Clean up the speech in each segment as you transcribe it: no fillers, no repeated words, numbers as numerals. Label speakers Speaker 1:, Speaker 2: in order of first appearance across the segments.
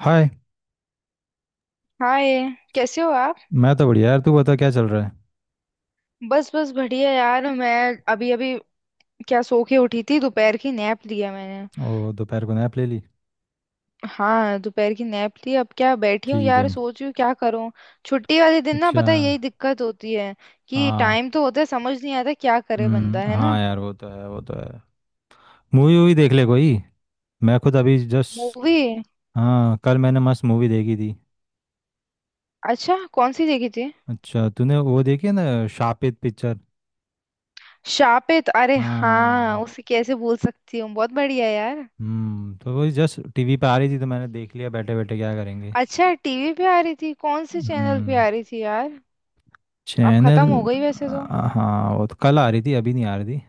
Speaker 1: हाय।
Speaker 2: Hi. कैसे हो आप।
Speaker 1: मैं तो बढ़िया यार, तू बता क्या चल रहा
Speaker 2: बस बस बढ़िया यार। मैं अभी अभी क्या सो के उठी थी, दोपहर की नैप लिया मैंने।
Speaker 1: है? ओ दोपहर को नैप ले ली?
Speaker 2: हाँ, दोपहर की नैप ली। अब क्या बैठी हूँ
Speaker 1: ठीक है।
Speaker 2: यार, सोच रही हूँ क्या करूँ। छुट्टी वाले दिन ना,
Speaker 1: अच्छा।
Speaker 2: पता है यही दिक्कत होती है कि
Speaker 1: हाँ।
Speaker 2: टाइम तो होता है, समझ नहीं आता क्या करे बंदा,
Speaker 1: हम्म,
Speaker 2: है
Speaker 1: हाँ
Speaker 2: ना।
Speaker 1: यार, वो तो है वो तो है। मूवी वूवी देख ले कोई। मैं खुद अभी जस्ट।
Speaker 2: मूवी।
Speaker 1: हाँ कल मैंने मस्त मूवी देखी थी।
Speaker 2: अच्छा, कौन सी देखी थी।
Speaker 1: अच्छा तूने वो देखी है ना, शापित पिक्चर?
Speaker 2: शापित, अरे हाँ,
Speaker 1: हाँ।
Speaker 2: उसे कैसे भूल सकती हूँ, बहुत बढ़िया यार।
Speaker 1: तो वही जस्ट टीवी पे आ रही थी तो मैंने देख लिया, बैठे बैठे क्या करेंगे।
Speaker 2: अच्छा, टीवी पे आ रही थी। कौन से चैनल पे
Speaker 1: हम्म।
Speaker 2: आ रही थी यार। अब
Speaker 1: चैनल।
Speaker 2: खत्म हो गई वैसे तो।
Speaker 1: हाँ वो तो कल आ रही थी, अभी नहीं आ रही थी।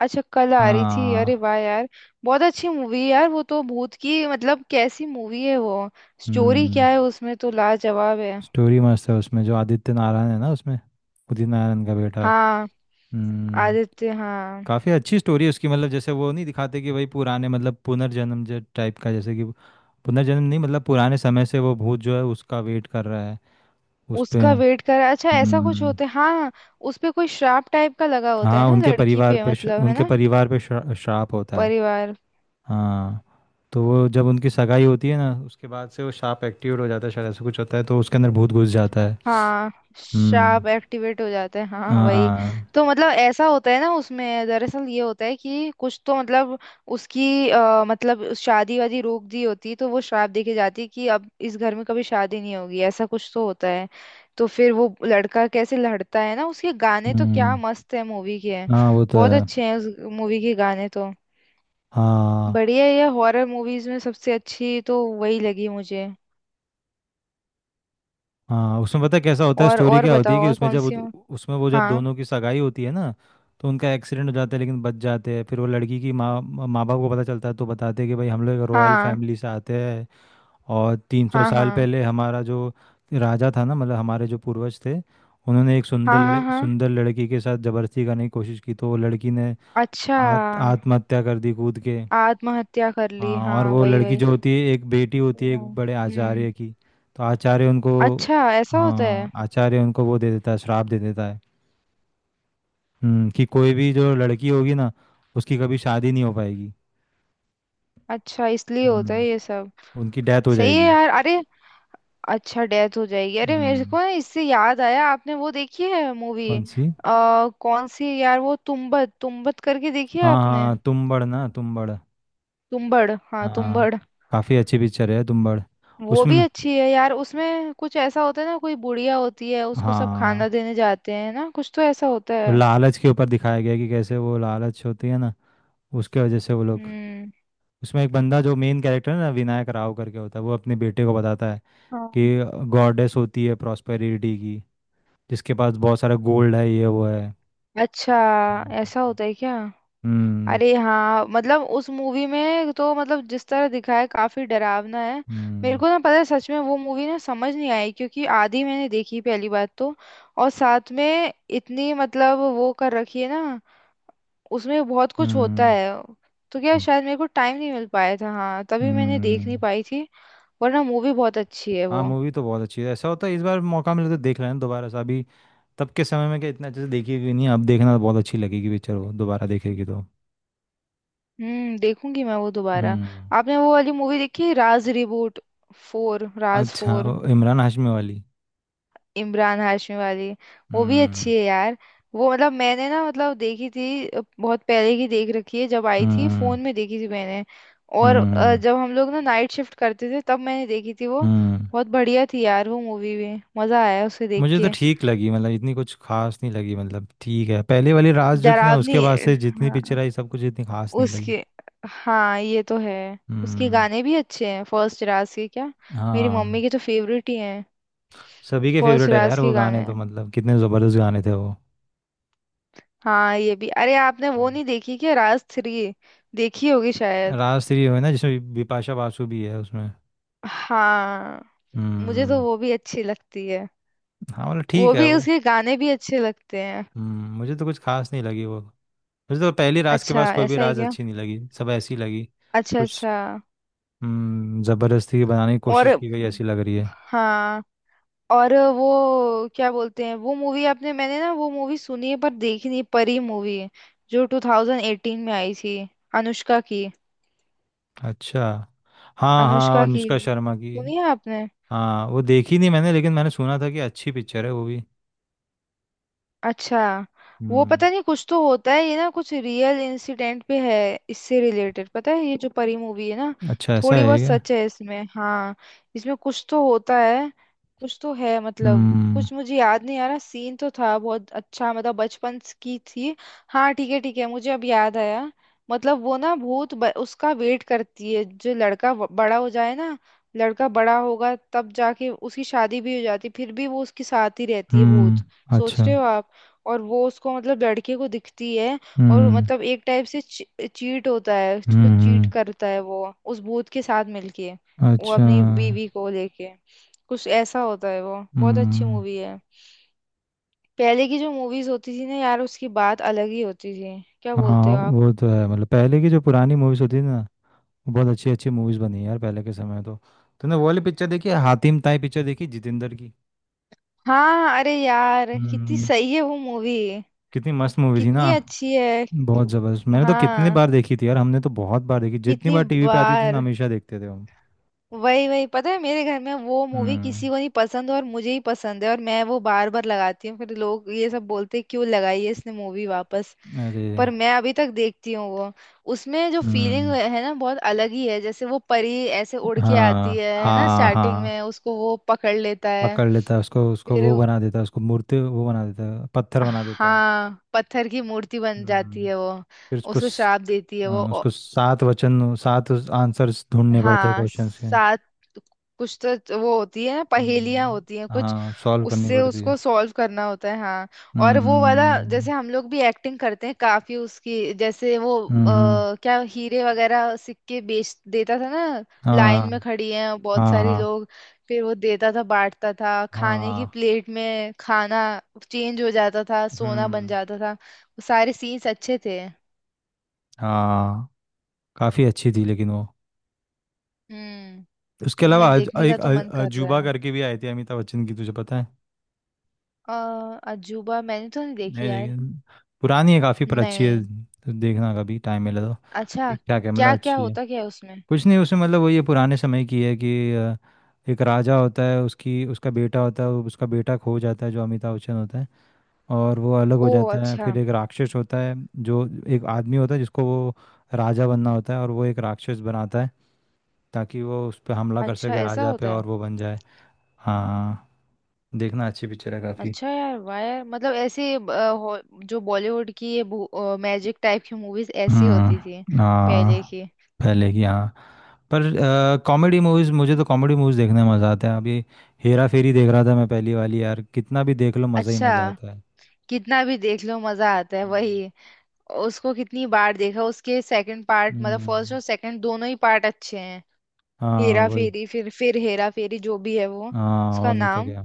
Speaker 2: अच्छा, कल आ रही थी, अरे
Speaker 1: हाँ।
Speaker 2: वाह यार। बहुत अच्छी मूवी है यार वो तो। भूत की मतलब कैसी मूवी है वो। स्टोरी
Speaker 1: हम्म
Speaker 2: क्या है उसमें तो, लाजवाब है।
Speaker 1: स्टोरी मस्त है उसमें, जो आदित्य नारायण है ना उसमें, उदित नारायण का बेटा।
Speaker 2: हाँ,
Speaker 1: हम्म।
Speaker 2: आदित्य, हाँ।
Speaker 1: काफ़ी अच्छी स्टोरी है उसकी, मतलब जैसे वो नहीं दिखाते कि वही पुराने, मतलब पुनर्जन्म जो टाइप का, जैसे कि पुनर्जन्म नहीं, मतलब पुराने समय से वो भूत जो है उसका वेट कर रहा है उस पे।
Speaker 2: उसका वेट कर, अच्छा ऐसा कुछ
Speaker 1: हम्म।
Speaker 2: होता है, हाँ हाँ। उस पे कोई श्राप टाइप का लगा होता है
Speaker 1: हाँ
Speaker 2: ना लड़की पे, मतलब है
Speaker 1: उनके
Speaker 2: ना।
Speaker 1: परिवार पे श्राप होता है।
Speaker 2: परिवार।
Speaker 1: हाँ। तो वो जब उनकी सगाई होती है ना, उसके बाद से वो श्राप एक्टिवेट हो जाता है शायद, ऐसा कुछ होता है तो उसके अंदर भूत घुस जाता है।
Speaker 2: हाँ।
Speaker 1: हम्म।
Speaker 2: शार्प एक्टिवेट हो जाते हैं, हाँ वही।
Speaker 1: हाँ।
Speaker 2: तो मतलब ऐसा होता है ना उसमें। दरअसल ये होता है कि कुछ तो मतलब मतलब उस शादी वादी रोक दी होती तो वो श्राप देके जाती कि अब इस घर में कभी शादी नहीं होगी, ऐसा कुछ तो होता है। तो फिर वो लड़का कैसे लड़ता है ना। उसके गाने तो क्या
Speaker 1: हम्म।
Speaker 2: मस्त है मूवी के हैं।
Speaker 1: हाँ वो तो
Speaker 2: बहुत
Speaker 1: है।
Speaker 2: अच्छे हैं उस मूवी के गाने तो।
Speaker 1: हाँ
Speaker 2: बढ़िया है। ये हॉरर मूवीज में सबसे अच्छी तो वही लगी मुझे।
Speaker 1: हाँ, उसमें पता है कैसा होता है, स्टोरी
Speaker 2: और
Speaker 1: क्या होती है
Speaker 2: बताओ,
Speaker 1: कि
Speaker 2: और
Speaker 1: उसमें
Speaker 2: कौन
Speaker 1: जब
Speaker 2: सी हो।
Speaker 1: उसमें वो जब
Speaker 2: हाँ
Speaker 1: दोनों की सगाई होती है ना, तो उनका एक्सीडेंट हो जाता है लेकिन बच जाते हैं, फिर वो लड़की की माँ माँ बाप को पता चलता है, तो बताते हैं कि भाई हम लोग रॉयल
Speaker 2: हाँ
Speaker 1: फैमिली से आते हैं और 300
Speaker 2: हाँ।
Speaker 1: साल
Speaker 2: हाँ
Speaker 1: पहले हमारा जो राजा था ना, मतलब हमारे जो पूर्वज थे, उन्होंने एक
Speaker 2: हाँ हाँ हाँ।
Speaker 1: सुंदर लड़की के साथ जबरदस्ती करने की कोशिश की तो वो लड़की ने
Speaker 2: अच्छा,
Speaker 1: आत्महत्या कर दी कूद के।
Speaker 2: आत्महत्या कर ली,
Speaker 1: हाँ। और
Speaker 2: हाँ
Speaker 1: वो
Speaker 2: वही
Speaker 1: लड़की
Speaker 2: वही।
Speaker 1: जो होती है एक बेटी होती है एक
Speaker 2: तो
Speaker 1: बड़े
Speaker 2: हम्म।
Speaker 1: आचार्य की, तो आचार्य उनको,
Speaker 2: अच्छा ऐसा होता
Speaker 1: हाँ
Speaker 2: है।
Speaker 1: आचार्य उनको वो दे देता है, श्राप दे देता है। कि कोई भी जो लड़की होगी ना, उसकी कभी शादी नहीं हो पाएगी।
Speaker 2: अच्छा, इसलिए होता है ये
Speaker 1: हम्म।
Speaker 2: सब।
Speaker 1: उनकी डेथ हो
Speaker 2: सही है
Speaker 1: जाएगी।
Speaker 2: यार, अरे। अच्छा, डेथ हो जाएगी। अरे मेरे
Speaker 1: हम्म।
Speaker 2: को ना इससे याद आया, आपने वो देखी है मूवी।
Speaker 1: कौन सी?
Speaker 2: कौन सी यार, वो तुम्बड़ तुम्बड़ करके, देखी है
Speaker 1: हाँ
Speaker 2: आपने।
Speaker 1: हाँ तुम्बड़ ना तुम्बड़,
Speaker 2: तुम्बड़, हाँ
Speaker 1: हाँ।
Speaker 2: तुम्बड़।
Speaker 1: काफ़ी अच्छी पिक्चर है तुम्बड़।
Speaker 2: वो भी
Speaker 1: उसमें
Speaker 2: अच्छी है यार। उसमें कुछ ऐसा होता है ना, कोई बुढ़िया होती है, उसको सब खाना
Speaker 1: हाँ,
Speaker 2: देने जाते हैं ना, कुछ तो ऐसा होता है।
Speaker 1: लालच के ऊपर दिखाया गया है कि कैसे वो लालच होती है ना, उसके वजह से वो लोग,
Speaker 2: हम्म।
Speaker 1: उसमें एक बंदा जो मेन कैरेक्टर है ना, विनायक राव करके होता है, वो अपने बेटे को बताता है
Speaker 2: हाँ।
Speaker 1: कि गॉडेस होती है प्रॉस्पेरिटी की, जिसके पास बहुत सारा गोल्ड है, ये वो है।
Speaker 2: अच्छा
Speaker 1: हम्म।
Speaker 2: ऐसा होता है क्या।
Speaker 1: हम्म।
Speaker 2: अरे हाँ, मतलब उस मूवी में तो मतलब जिस तरह दिखाया है काफी डरावना है। मेरे
Speaker 1: हम्म।
Speaker 2: को ना पता है, सच में वो मूवी ना समझ नहीं आई, क्योंकि आधी मैंने देखी पहली बात तो। और साथ में इतनी मतलब वो कर रखी है ना, उसमें बहुत कुछ
Speaker 1: हम्म।
Speaker 2: होता है। तो क्या
Speaker 1: हम्म,
Speaker 2: शायद मेरे को टाइम नहीं मिल पाया था, हाँ तभी मैंने देख नहीं
Speaker 1: हम्म।
Speaker 2: पाई थी। वरना मूवी बहुत अच्छी है
Speaker 1: हाँ
Speaker 2: वो।
Speaker 1: मूवी तो बहुत अच्छी है, ऐसा होता है इस बार मौका मिले तो देख लेना दोबारा से, अभी तब के समय में क्या इतना अच्छे से देखी भी नहीं, अब देखना तो बहुत अच्छी लगेगी पिक्चर, वो दोबारा देखेगी तो।
Speaker 2: हम्म, देखूंगी मैं वो दोबारा।
Speaker 1: हम्म।
Speaker 2: आपने वो वाली मूवी देखी, राज रिबूट। फोर, राज
Speaker 1: अच्छा
Speaker 2: फोर।
Speaker 1: वो इमरान हाशमी वाली।
Speaker 2: इमरान हाशमी वाली। वो भी
Speaker 1: हम्म।
Speaker 2: अच्छी है यार। वो मतलब मैंने ना मतलब देखी थी, बहुत पहले की देख रखी है, जब आई थी
Speaker 1: हम्म।
Speaker 2: फोन में देखी थी मैंने। और
Speaker 1: हम्म।
Speaker 2: जब हम लोग ना नाइट शिफ्ट करते थे तब मैंने देखी थी वो।
Speaker 1: हम्म
Speaker 2: बहुत बढ़िया थी यार वो मूवी भी, मजा आया उसे देख
Speaker 1: मुझे तो
Speaker 2: के।
Speaker 1: ठीक लगी, मतलब इतनी कुछ खास नहीं लगी, मतलब ठीक है, पहले वाली रास जो थी ना,
Speaker 2: डरावनी।
Speaker 1: उसके बाद से जितनी
Speaker 2: हाँ।
Speaker 1: पिक्चर आई सब कुछ इतनी खास नहीं लगी।
Speaker 2: उसके। हाँ, ये तो है। उसके
Speaker 1: हम्म।
Speaker 2: गाने भी अच्छे हैं फर्स्ट राज के क्या। मेरी
Speaker 1: हाँ
Speaker 2: मम्मी के तो फेवरेट ही हैं।
Speaker 1: सभी के
Speaker 2: फर्स्ट
Speaker 1: फेवरेट है
Speaker 2: राज
Speaker 1: यार
Speaker 2: के
Speaker 1: वो गाने
Speaker 2: गाने।
Speaker 1: तो, मतलब कितने ज़बरदस्त गाने थे वो।
Speaker 2: हाँ, ये भी। अरे आपने वो
Speaker 1: हम्म।
Speaker 2: नहीं देखी क्या, राज थ्री। देखी होगी शायद।
Speaker 1: राज 3 है ना, जिसमें बिपाशा बासु भी है उसमें।
Speaker 2: हाँ। मुझे तो
Speaker 1: हम्म।
Speaker 2: वो भी अच्छी लगती है।
Speaker 1: हाँ मतलब
Speaker 2: वो
Speaker 1: ठीक है
Speaker 2: भी,
Speaker 1: वो।
Speaker 2: उसके गाने भी अच्छे लगते हैं।
Speaker 1: मुझे तो कुछ खास नहीं लगी वो। मुझे तो पहली रास के
Speaker 2: अच्छा,
Speaker 1: बाद कोई भी
Speaker 2: ऐसा है
Speaker 1: राज
Speaker 2: क्या।
Speaker 1: अच्छी नहीं लगी, सब ऐसी लगी
Speaker 2: अच्छा
Speaker 1: कुछ।
Speaker 2: अच्छा।
Speaker 1: ज़बरदस्ती बनाने की
Speaker 2: और।
Speaker 1: कोशिश की गई ऐसी लग रही है।
Speaker 2: हाँ। और वो क्या बोलते हैं वो मूवी, आपने, मैंने ना वो मूवी सुनी है पर देखी नहीं, परी मूवी, जो 2018 में आई थी, अनुष्का की।
Speaker 1: अच्छा। हाँ हाँ
Speaker 2: अनुष्का की
Speaker 1: अनुष्का शर्मा की।
Speaker 2: सुनी है आपने।
Speaker 1: हाँ वो देखी नहीं मैंने, लेकिन मैंने सुना था कि अच्छी पिक्चर है वो भी।
Speaker 2: अच्छा। वो
Speaker 1: हम्म।
Speaker 2: पता नहीं कुछ तो होता है ये ना, कुछ रियल इंसिडेंट पे है, इससे रिलेटेड, पता है ये जो परी मूवी है ना।
Speaker 1: अच्छा ऐसा
Speaker 2: थोड़ी
Speaker 1: है
Speaker 2: बहुत
Speaker 1: क्या?
Speaker 2: सच है इसमें, हाँ। इसमें कुछ तो होता है। कुछ तो है, मतलब
Speaker 1: हम्म।
Speaker 2: कुछ मुझे याद नहीं आ रहा। सीन तो था बहुत अच्छा, मतलब बचपन की थी। हाँ ठीक है ठीक है, मुझे अब याद आया। मतलब वो ना भूत, उसका वेट करती है जो लड़का बड़ा हो जाए ना। लड़का बड़ा होगा तब जाके, उसकी शादी भी हो जाती फिर भी वो उसके साथ ही रहती है भूत।
Speaker 1: हम्म।
Speaker 2: सोच
Speaker 1: अच्छा।
Speaker 2: रहे हो आप। और वो उसको मतलब लड़के को दिखती है। और
Speaker 1: हम्म।
Speaker 2: मतलब एक टाइप से चीट होता है, उसको चीट
Speaker 1: हम्म।
Speaker 2: करता है वो उस भूत के साथ मिलके। वो
Speaker 1: अच्छा।
Speaker 2: अपनी बीवी को लेके। कुछ ऐसा होता है, वो बहुत अच्छी
Speaker 1: हम्म।
Speaker 2: मूवी है। पहले की जो मूवीज होती थी ना यार, उसकी बात अलग ही होती थी, क्या बोलते
Speaker 1: हाँ
Speaker 2: हो आप।
Speaker 1: वो तो है, मतलब पहले की जो पुरानी मूवीज होती थी ना, वो बहुत अच्छी अच्छी मूवीज बनी है यार, पहले के समय तो। तूने वो वाली पिक्चर देखी है, हातिम ताई पिक्चर, देखी जितेंद्र की?
Speaker 2: हाँ, अरे यार कितनी
Speaker 1: हम्म।
Speaker 2: सही है वो मूवी।
Speaker 1: कितनी मस्त मूवी थी ना।
Speaker 2: कितनी अच्छी है।
Speaker 1: बहुत जबरदस्त, मैंने तो कितनी
Speaker 2: हाँ।
Speaker 1: बार देखी थी यार, हमने तो बहुत बार देखी, जितनी
Speaker 2: कितनी
Speaker 1: बार टीवी पे आती थी ना,
Speaker 2: बार।
Speaker 1: हमेशा देखते थे हम।
Speaker 2: वही वही, पता है मेरे घर में वो मूवी
Speaker 1: हम्म।
Speaker 2: किसी को नहीं पसंद, और मुझे ही पसंद है, और मैं वो बार बार लगाती हूँ, फिर लोग ये सब बोलते हैं, क्यों लगाई है इसने मूवी वापस।
Speaker 1: अरे।
Speaker 2: पर मैं अभी तक देखती हूँ वो। उसमें जो फीलिंग
Speaker 1: हम्म।
Speaker 2: है ना बहुत अलग ही है। जैसे वो परी ऐसे उड़ के आती
Speaker 1: हाँ
Speaker 2: है ना,
Speaker 1: हाँ
Speaker 2: स्टार्टिंग में,
Speaker 1: हाँ।
Speaker 2: उसको वो पकड़ लेता है।
Speaker 1: पकड़ लेता है उसको, उसको
Speaker 2: फिर
Speaker 1: वो
Speaker 2: वो।
Speaker 1: बना देता है, उसको मूर्ति वो बना देता है, पत्थर बना देता है।
Speaker 2: हाँ, पत्थर की मूर्ति बन जाती
Speaker 1: हम्म।
Speaker 2: है वो।
Speaker 1: फिर उसको
Speaker 2: उसको श्राप देती है वो।
Speaker 1: हाँ, उसको सात वचन सात आंसर्स ढूंढने पड़ते हैं
Speaker 2: हाँ
Speaker 1: क्वेश्चंस के।
Speaker 2: सात। कुछ तो वो होती है, पहेलियां होती हैं
Speaker 1: हम्म।
Speaker 2: कुछ।
Speaker 1: हाँ सॉल्व करनी
Speaker 2: उससे
Speaker 1: पड़ती है।
Speaker 2: उसको सॉल्व करना होता है, हाँ। और वो वाला जैसे
Speaker 1: हम्म।
Speaker 2: हम लोग भी एक्टिंग करते हैं काफी उसकी, जैसे वो
Speaker 1: हम्म।
Speaker 2: क्या हीरे वगैरह सिक्के बेच देता था ना। लाइन
Speaker 1: हाँ।
Speaker 2: में खड़ी हैं और बहुत
Speaker 1: हाँ।
Speaker 2: सारी
Speaker 1: हाँ।
Speaker 2: लोग। फिर वो देता था बांटता था, खाने की
Speaker 1: हाँ।
Speaker 2: प्लेट में खाना। चेंज हो जाता था, सोना बन
Speaker 1: हम्म।
Speaker 2: जाता था, वो सारे सीन्स अच्छे थे।
Speaker 1: हाँ काफ़ी अच्छी थी लेकिन वो।
Speaker 2: हम्म।
Speaker 1: उसके अलावा
Speaker 2: मैं देखने का
Speaker 1: एक
Speaker 2: तो मन कर रहा
Speaker 1: अजूबा
Speaker 2: है।
Speaker 1: करके भी आई थी, अमिताभ बच्चन की, तुझे पता है?
Speaker 2: अ, अजूबा मैंने तो नहीं देखी
Speaker 1: नहीं
Speaker 2: यार।
Speaker 1: लेकिन पुरानी है काफ़ी, पर अच्छी है
Speaker 2: नहीं।
Speaker 1: तो देखना कभी टाइम मिले तो।
Speaker 2: अच्छा,
Speaker 1: ठीक ठाक है, मतलब
Speaker 2: क्या क्या
Speaker 1: अच्छी है।
Speaker 2: होता क्या है उसमें।
Speaker 1: कुछ नहीं उसमें, मतलब वही है, पुराने समय की है कि एक राजा होता है, उसकी उसका बेटा होता है, उसका बेटा खो जाता है जो अमिताभ बच्चन होता है, और वो अलग हो
Speaker 2: ओ
Speaker 1: जाता है,
Speaker 2: अच्छा।
Speaker 1: फिर एक राक्षस होता है, जो एक आदमी होता है जिसको वो राजा बनना होता है और वो एक राक्षस बनाता है ताकि वो उस पर हमला कर
Speaker 2: अच्छा
Speaker 1: सके,
Speaker 2: ऐसा
Speaker 1: राजा पे,
Speaker 2: होता है।
Speaker 1: और वो बन जाए। हाँ। देखना अच्छी पिक्चर है काफी।
Speaker 2: अच्छा यार, वाह यार। मतलब ऐसे जो बॉलीवुड की ये मैजिक टाइप की मूवीज ऐसी होती थी।
Speaker 1: हम्म। हाँ
Speaker 2: पहले की।
Speaker 1: पहले की। हाँ पर कॉमेडी
Speaker 2: हम्म।
Speaker 1: मूवीज, मुझे तो कॉमेडी मूवीज देखने में मज़ा आता है अभी, हेरा फेरी देख रहा था मैं पहली वाली, यार कितना भी देख लो मज़ा ही
Speaker 2: अच्छा।
Speaker 1: मज़ा आता है।
Speaker 2: कितना भी देख लो मजा आता है,
Speaker 1: हम्म।
Speaker 2: वही। उसको कितनी बार देखा। उसके सेकंड पार्ट, मतलब फर्स्ट
Speaker 1: हम्म,
Speaker 2: और सेकंड दोनों ही पार्ट अच्छे हैं।
Speaker 1: हाँ
Speaker 2: हेरा
Speaker 1: वही,
Speaker 2: फेरी, फिर हेरा फेरी, जो भी है वो।
Speaker 1: हाँ
Speaker 2: उसका
Speaker 1: और नहीं तो
Speaker 2: नाम।
Speaker 1: क्या।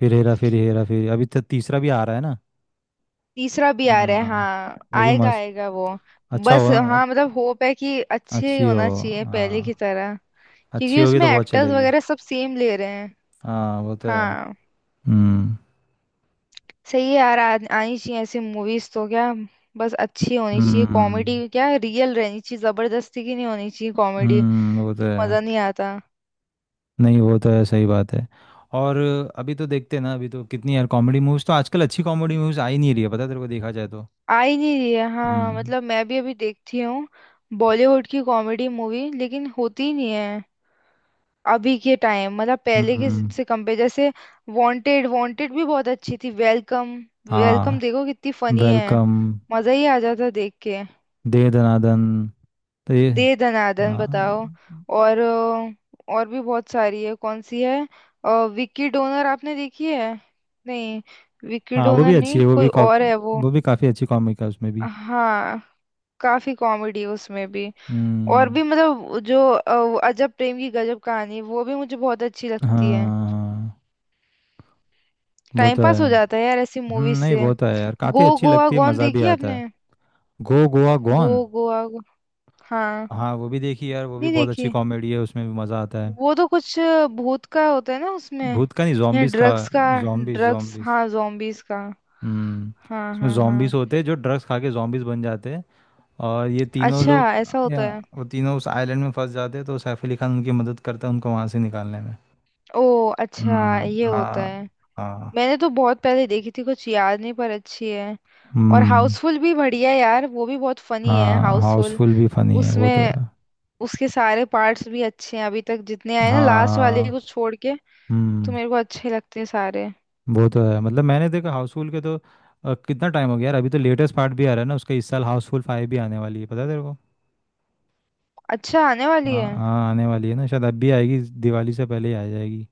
Speaker 1: फिर हेरा फेरी हेरा फेरी, अभी तो तीसरा भी आ रहा है ना।
Speaker 2: तीसरा भी आ रहा है,
Speaker 1: हाँ
Speaker 2: हाँ
Speaker 1: वो भी
Speaker 2: आएगा
Speaker 1: मस्त,
Speaker 2: आएगा वो।
Speaker 1: अच्छा हो
Speaker 2: बस
Speaker 1: ना,
Speaker 2: हाँ, मतलब होप है कि अच्छे ही
Speaker 1: अच्छी हो।
Speaker 2: होना चाहिए पहले की
Speaker 1: हाँ।
Speaker 2: तरह।
Speaker 1: अच्छी
Speaker 2: क्योंकि
Speaker 1: होगी
Speaker 2: उसमें
Speaker 1: तो बहुत
Speaker 2: एक्टर्स
Speaker 1: चलेगी।
Speaker 2: वगैरह सब सेम ले रहे हैं।
Speaker 1: हाँ वो तो है।
Speaker 2: हाँ।
Speaker 1: हम्म।
Speaker 2: सही है यार, आनी चाहिए ऐसी मूवीज तो क्या। बस अच्छी होनी चाहिए कॉमेडी,
Speaker 1: हम्म।
Speaker 2: क्या रियल रहनी चाहिए, जबरदस्ती की नहीं होनी चाहिए कॉमेडी।
Speaker 1: वो तो है।
Speaker 2: मजा नहीं आता।
Speaker 1: नहीं वो तो है, सही बात है। और अभी तो देखते हैं ना, अभी तो कितनी यार कॉमेडी मूवीज, तो आजकल अच्छी कॉमेडी मूवीज आ ही नहीं रही है पता है तेरे को, देखा जाए तो।
Speaker 2: आ ही नहीं रही है, हाँ,
Speaker 1: हम्म।
Speaker 2: मतलब मैं भी अभी देखती हूँ बॉलीवुड की कॉमेडी मूवी, लेकिन होती ही नहीं है अभी के टाइम, मतलब पहले के
Speaker 1: हम्म।
Speaker 2: से कंपेयर। जैसे वांटेड, वांटेड भी बहुत अच्छी थी, वेलकम।
Speaker 1: हाँ
Speaker 2: वेलकम देखो कितनी फनी है,
Speaker 1: वेलकम
Speaker 2: मजा ही आ जाता देख के।
Speaker 1: दे दनादन तो ये,
Speaker 2: दे दनादन बताओ।
Speaker 1: हाँ।
Speaker 2: और और भी बहुत सारी है, कौन सी है। अ, विक्की डोनर आपने देखी है। नहीं, विक्की
Speaker 1: हाँ वो भी
Speaker 2: डोनर
Speaker 1: अच्छी
Speaker 2: नहीं
Speaker 1: है, वो
Speaker 2: कोई
Speaker 1: भी कॉप,
Speaker 2: और है वो।
Speaker 1: वो भी काफ़ी अच्छी कॉमिक है उसमें भी।
Speaker 2: हाँ, काफी कॉमेडी है उसमें भी। और
Speaker 1: हम्म।
Speaker 2: भी मतलब जो अजब प्रेम की गजब कहानी, वो भी मुझे बहुत अच्छी लगती है।
Speaker 1: हाँ वो
Speaker 2: टाइम
Speaker 1: तो
Speaker 2: पास
Speaker 1: है।
Speaker 2: हो जाता है यार ऐसी मूवीज
Speaker 1: नहीं
Speaker 2: से।
Speaker 1: वो तो है यार, काफ़ी
Speaker 2: गो
Speaker 1: अच्छी
Speaker 2: गोवा
Speaker 1: लगती है,
Speaker 2: गॉन
Speaker 1: मज़ा भी
Speaker 2: देखी है
Speaker 1: आता है।
Speaker 2: आपने।
Speaker 1: Go Goa
Speaker 2: go
Speaker 1: gone.
Speaker 2: Goa go... हाँ।
Speaker 1: हाँ वो भी देखी यार, वो भी
Speaker 2: नहीं
Speaker 1: बहुत अच्छी
Speaker 2: देखी।
Speaker 1: कॉमेडी है उसमें भी मज़ा आता है।
Speaker 2: वो तो कुछ भूत का होता है ना उसमें,
Speaker 1: भूत का नहीं
Speaker 2: या
Speaker 1: zombies का।
Speaker 2: ड्रग्स का।
Speaker 1: zombies
Speaker 2: drugs,
Speaker 1: zombies।
Speaker 2: हाँ zombies का।
Speaker 1: हम्म।
Speaker 2: हाँ
Speaker 1: उसमें
Speaker 2: हाँ
Speaker 1: zombies
Speaker 2: हाँ।
Speaker 1: होते हैं जो ड्रग्स खा के zombies बन जाते हैं, और ये तीनों
Speaker 2: अच्छा
Speaker 1: लोग
Speaker 2: ऐसा होता
Speaker 1: या
Speaker 2: है।
Speaker 1: वो तीनों उस आइलैंड में फंस जाते हैं, तो सैफ अली खान उनकी मदद करता है उनको वहां से निकालने में।
Speaker 2: ओ अच्छा,
Speaker 1: हम्म।
Speaker 2: ये होता
Speaker 1: हाँ।
Speaker 2: है।
Speaker 1: हाँ।
Speaker 2: मैंने तो बहुत पहले देखी थी, कुछ याद नहीं पर अच्छी है। और
Speaker 1: हम्म।
Speaker 2: हाउसफुल भी बढ़िया है यार, वो भी बहुत फनी है
Speaker 1: हाँ
Speaker 2: हाउसफुल।
Speaker 1: हाउसफुल भी फनी है, वो तो
Speaker 2: उसमें
Speaker 1: है।
Speaker 2: उसके सारे पार्ट्स भी अच्छे हैं अभी तक जितने आए ना, लास्ट वाले
Speaker 1: हाँ।
Speaker 2: को छोड़ के। तो
Speaker 1: हम्म
Speaker 2: मेरे को अच्छे लगते हैं सारे।
Speaker 1: वो तो है, मतलब मैंने देखा हाउसफुल के तो कितना टाइम हो गया यार, अभी तो लेटेस्ट पार्ट भी आ रहा है ना उसका इस साल, हाउसफुल 5 भी आने वाली है, पता है तेरे को?
Speaker 2: अच्छा, आने वाली
Speaker 1: हाँ
Speaker 2: है।
Speaker 1: हाँ आने वाली है ना, शायद अब भी आएगी, दिवाली से पहले ही आ जाएगी।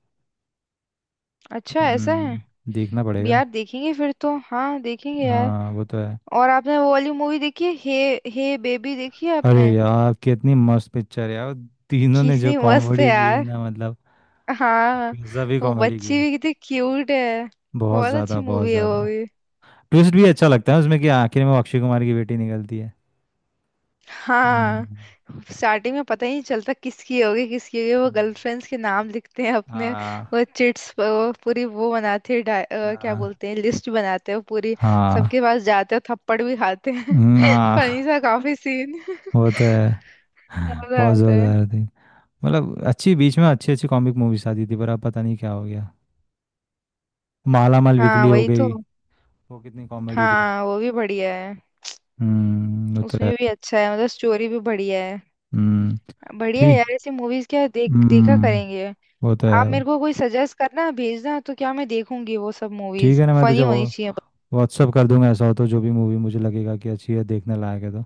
Speaker 2: अच्छा, ऐसा है।
Speaker 1: देखना पड़ेगा।
Speaker 2: यार देखेंगे फिर तो, हाँ देखेंगे यार।
Speaker 1: हाँ वो तो है।
Speaker 2: और आपने वो वाली मूवी देखी है, हे हे बेबी, देखी है
Speaker 1: अरे
Speaker 2: आपने।
Speaker 1: यार कितनी मस्त पिक्चर है यार, तीनों ने जो
Speaker 2: किसी मस्त है
Speaker 1: कॉमेडी की है
Speaker 2: यार।
Speaker 1: ना, मतलब
Speaker 2: हाँ।
Speaker 1: गजब ही
Speaker 2: वो
Speaker 1: कॉमेडी की
Speaker 2: बच्ची
Speaker 1: है।
Speaker 2: भी कितनी क्यूट है।
Speaker 1: बहुत
Speaker 2: बहुत
Speaker 1: ज़्यादा
Speaker 2: अच्छी
Speaker 1: बहुत
Speaker 2: मूवी है वो।
Speaker 1: ज़्यादा। ट्विस्ट भी अच्छा लगता है उसमें, कि आखिर में अक्षय कुमार की बेटी निकलती है।
Speaker 2: हाँ,
Speaker 1: हम्म,
Speaker 2: स्टार्टिंग में पता ही नहीं चलता किसकी होगी, किसकी होगी, वो
Speaker 1: हम्म,
Speaker 2: गर्लफ्रेंड्स के नाम लिखते हैं अपने। वो
Speaker 1: हाँ
Speaker 2: चिट्स वो पूरी वो बनाते हैं, क्या
Speaker 1: हाँ
Speaker 2: बोलते हैं, लिस्ट बनाते हैं वो पूरी।
Speaker 1: हाँ,
Speaker 2: सबके पास जाते हैं, थप्पड़ भी खाते हैं फनी
Speaker 1: हाँ
Speaker 2: सा काफी सीन
Speaker 1: वो तो है,
Speaker 2: मजा
Speaker 1: बहुत
Speaker 2: आता है।
Speaker 1: जोरदार थी। मतलब अच्छी बीच में अच्छी अच्छी कॉमिक मूवीज आती थी, पर अब पता नहीं क्या हो गया। माला माल
Speaker 2: हाँ
Speaker 1: वीकली हो
Speaker 2: वही तो।
Speaker 1: गई। वो कितनी कॉमेडी थी।
Speaker 2: हाँ वो भी बढ़िया है।
Speaker 1: वो तो है।
Speaker 2: उसमें भी अच्छा है, मतलब स्टोरी भी बढ़िया है।
Speaker 1: हम्म
Speaker 2: बढ़िया है
Speaker 1: ठीक।
Speaker 2: यार, ऐसी मूवीज क्या देख देखा
Speaker 1: हम्म
Speaker 2: करेंगे।
Speaker 1: वो तो
Speaker 2: आप
Speaker 1: है।
Speaker 2: मेरे को कोई सजेस्ट करना, भेजना, तो क्या मैं देखूंगी वो सब।
Speaker 1: ठीक
Speaker 2: मूवीज
Speaker 1: है ना, मैं तुझे
Speaker 2: फनी होनी चाहिए।
Speaker 1: व्हाट्सअप कर दूंगा ऐसा हो तो, जो भी मूवी मुझे लगेगा कि अच्छी है देखने लायक है तो।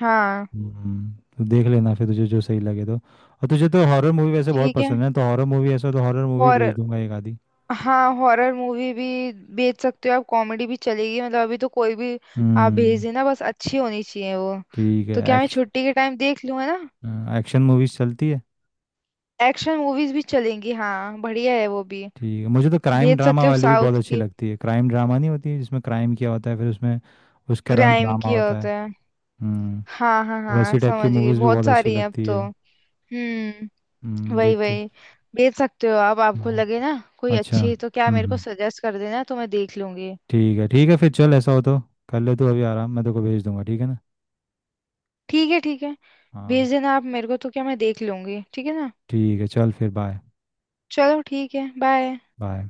Speaker 2: हाँ।
Speaker 1: हम्म, तो देख लेना फिर, तुझे जो सही लगे तो, और तुझे तो हॉरर मूवी वैसे बहुत
Speaker 2: ठीक है।
Speaker 1: पसंद है, तो हॉरर मूवी ऐसा हो तो हॉरर मूवी भेज
Speaker 2: हॉरर।
Speaker 1: दूंगा एक आधी।
Speaker 2: हाँ, हॉरर मूवी भी भेज सकते हो आप, कॉमेडी भी चलेगी, मतलब अभी तो कोई भी। आप भेज
Speaker 1: हम्म,
Speaker 2: देना, बस अच्छी होनी चाहिए वो,
Speaker 1: ठीक है।
Speaker 2: तो क्या मैं छुट्टी के टाइम देख लूँ, है ना।
Speaker 1: एक्शन एक्शन मूवीज चलती है।
Speaker 2: एक्शन मूवीज भी चलेंगी, हाँ बढ़िया है वो भी।
Speaker 1: ठीक है, मुझे तो क्राइम
Speaker 2: भेज
Speaker 1: ड्रामा
Speaker 2: सकते हो आप
Speaker 1: वाली भी बहुत
Speaker 2: साउथ
Speaker 1: अच्छी
Speaker 2: की,
Speaker 1: लगती है, क्राइम ड्रामा नहीं होती है जिसमें क्राइम किया होता है, फिर उसमें उसके अराउंड
Speaker 2: क्राइम
Speaker 1: ड्रामा
Speaker 2: की
Speaker 1: होता है।
Speaker 2: होता है।
Speaker 1: हम्म।
Speaker 2: हाँ हाँ हाँ
Speaker 1: वैसी टाइप की
Speaker 2: समझ गई,
Speaker 1: मूवीज भी
Speaker 2: बहुत
Speaker 1: बहुत अच्छी
Speaker 2: सारी हैं अब
Speaker 1: लगती
Speaker 2: तो।
Speaker 1: है।
Speaker 2: हम्म, वही
Speaker 1: देखते।
Speaker 2: वही। भेज सकते हो आप, आपको
Speaker 1: हाँ।
Speaker 2: लगे ना कोई
Speaker 1: अच्छा।
Speaker 2: अच्छी, तो क्या मेरे को
Speaker 1: हम्म।
Speaker 2: सजेस्ट कर देना, तो मैं देख लूंगी।
Speaker 1: ठीक है फिर चल ऐसा हो तो कर ले तू अभी आराम, मैं तेरे को भेज दूंगा ठीक है ना।
Speaker 2: ठीक है ठीक है,
Speaker 1: हाँ
Speaker 2: भेज देना आप मेरे को, तो क्या मैं देख लूंगी, ठीक है ना।
Speaker 1: ठीक है, चल फिर, बाय।
Speaker 2: चलो ठीक है, बाय।
Speaker 1: बाय।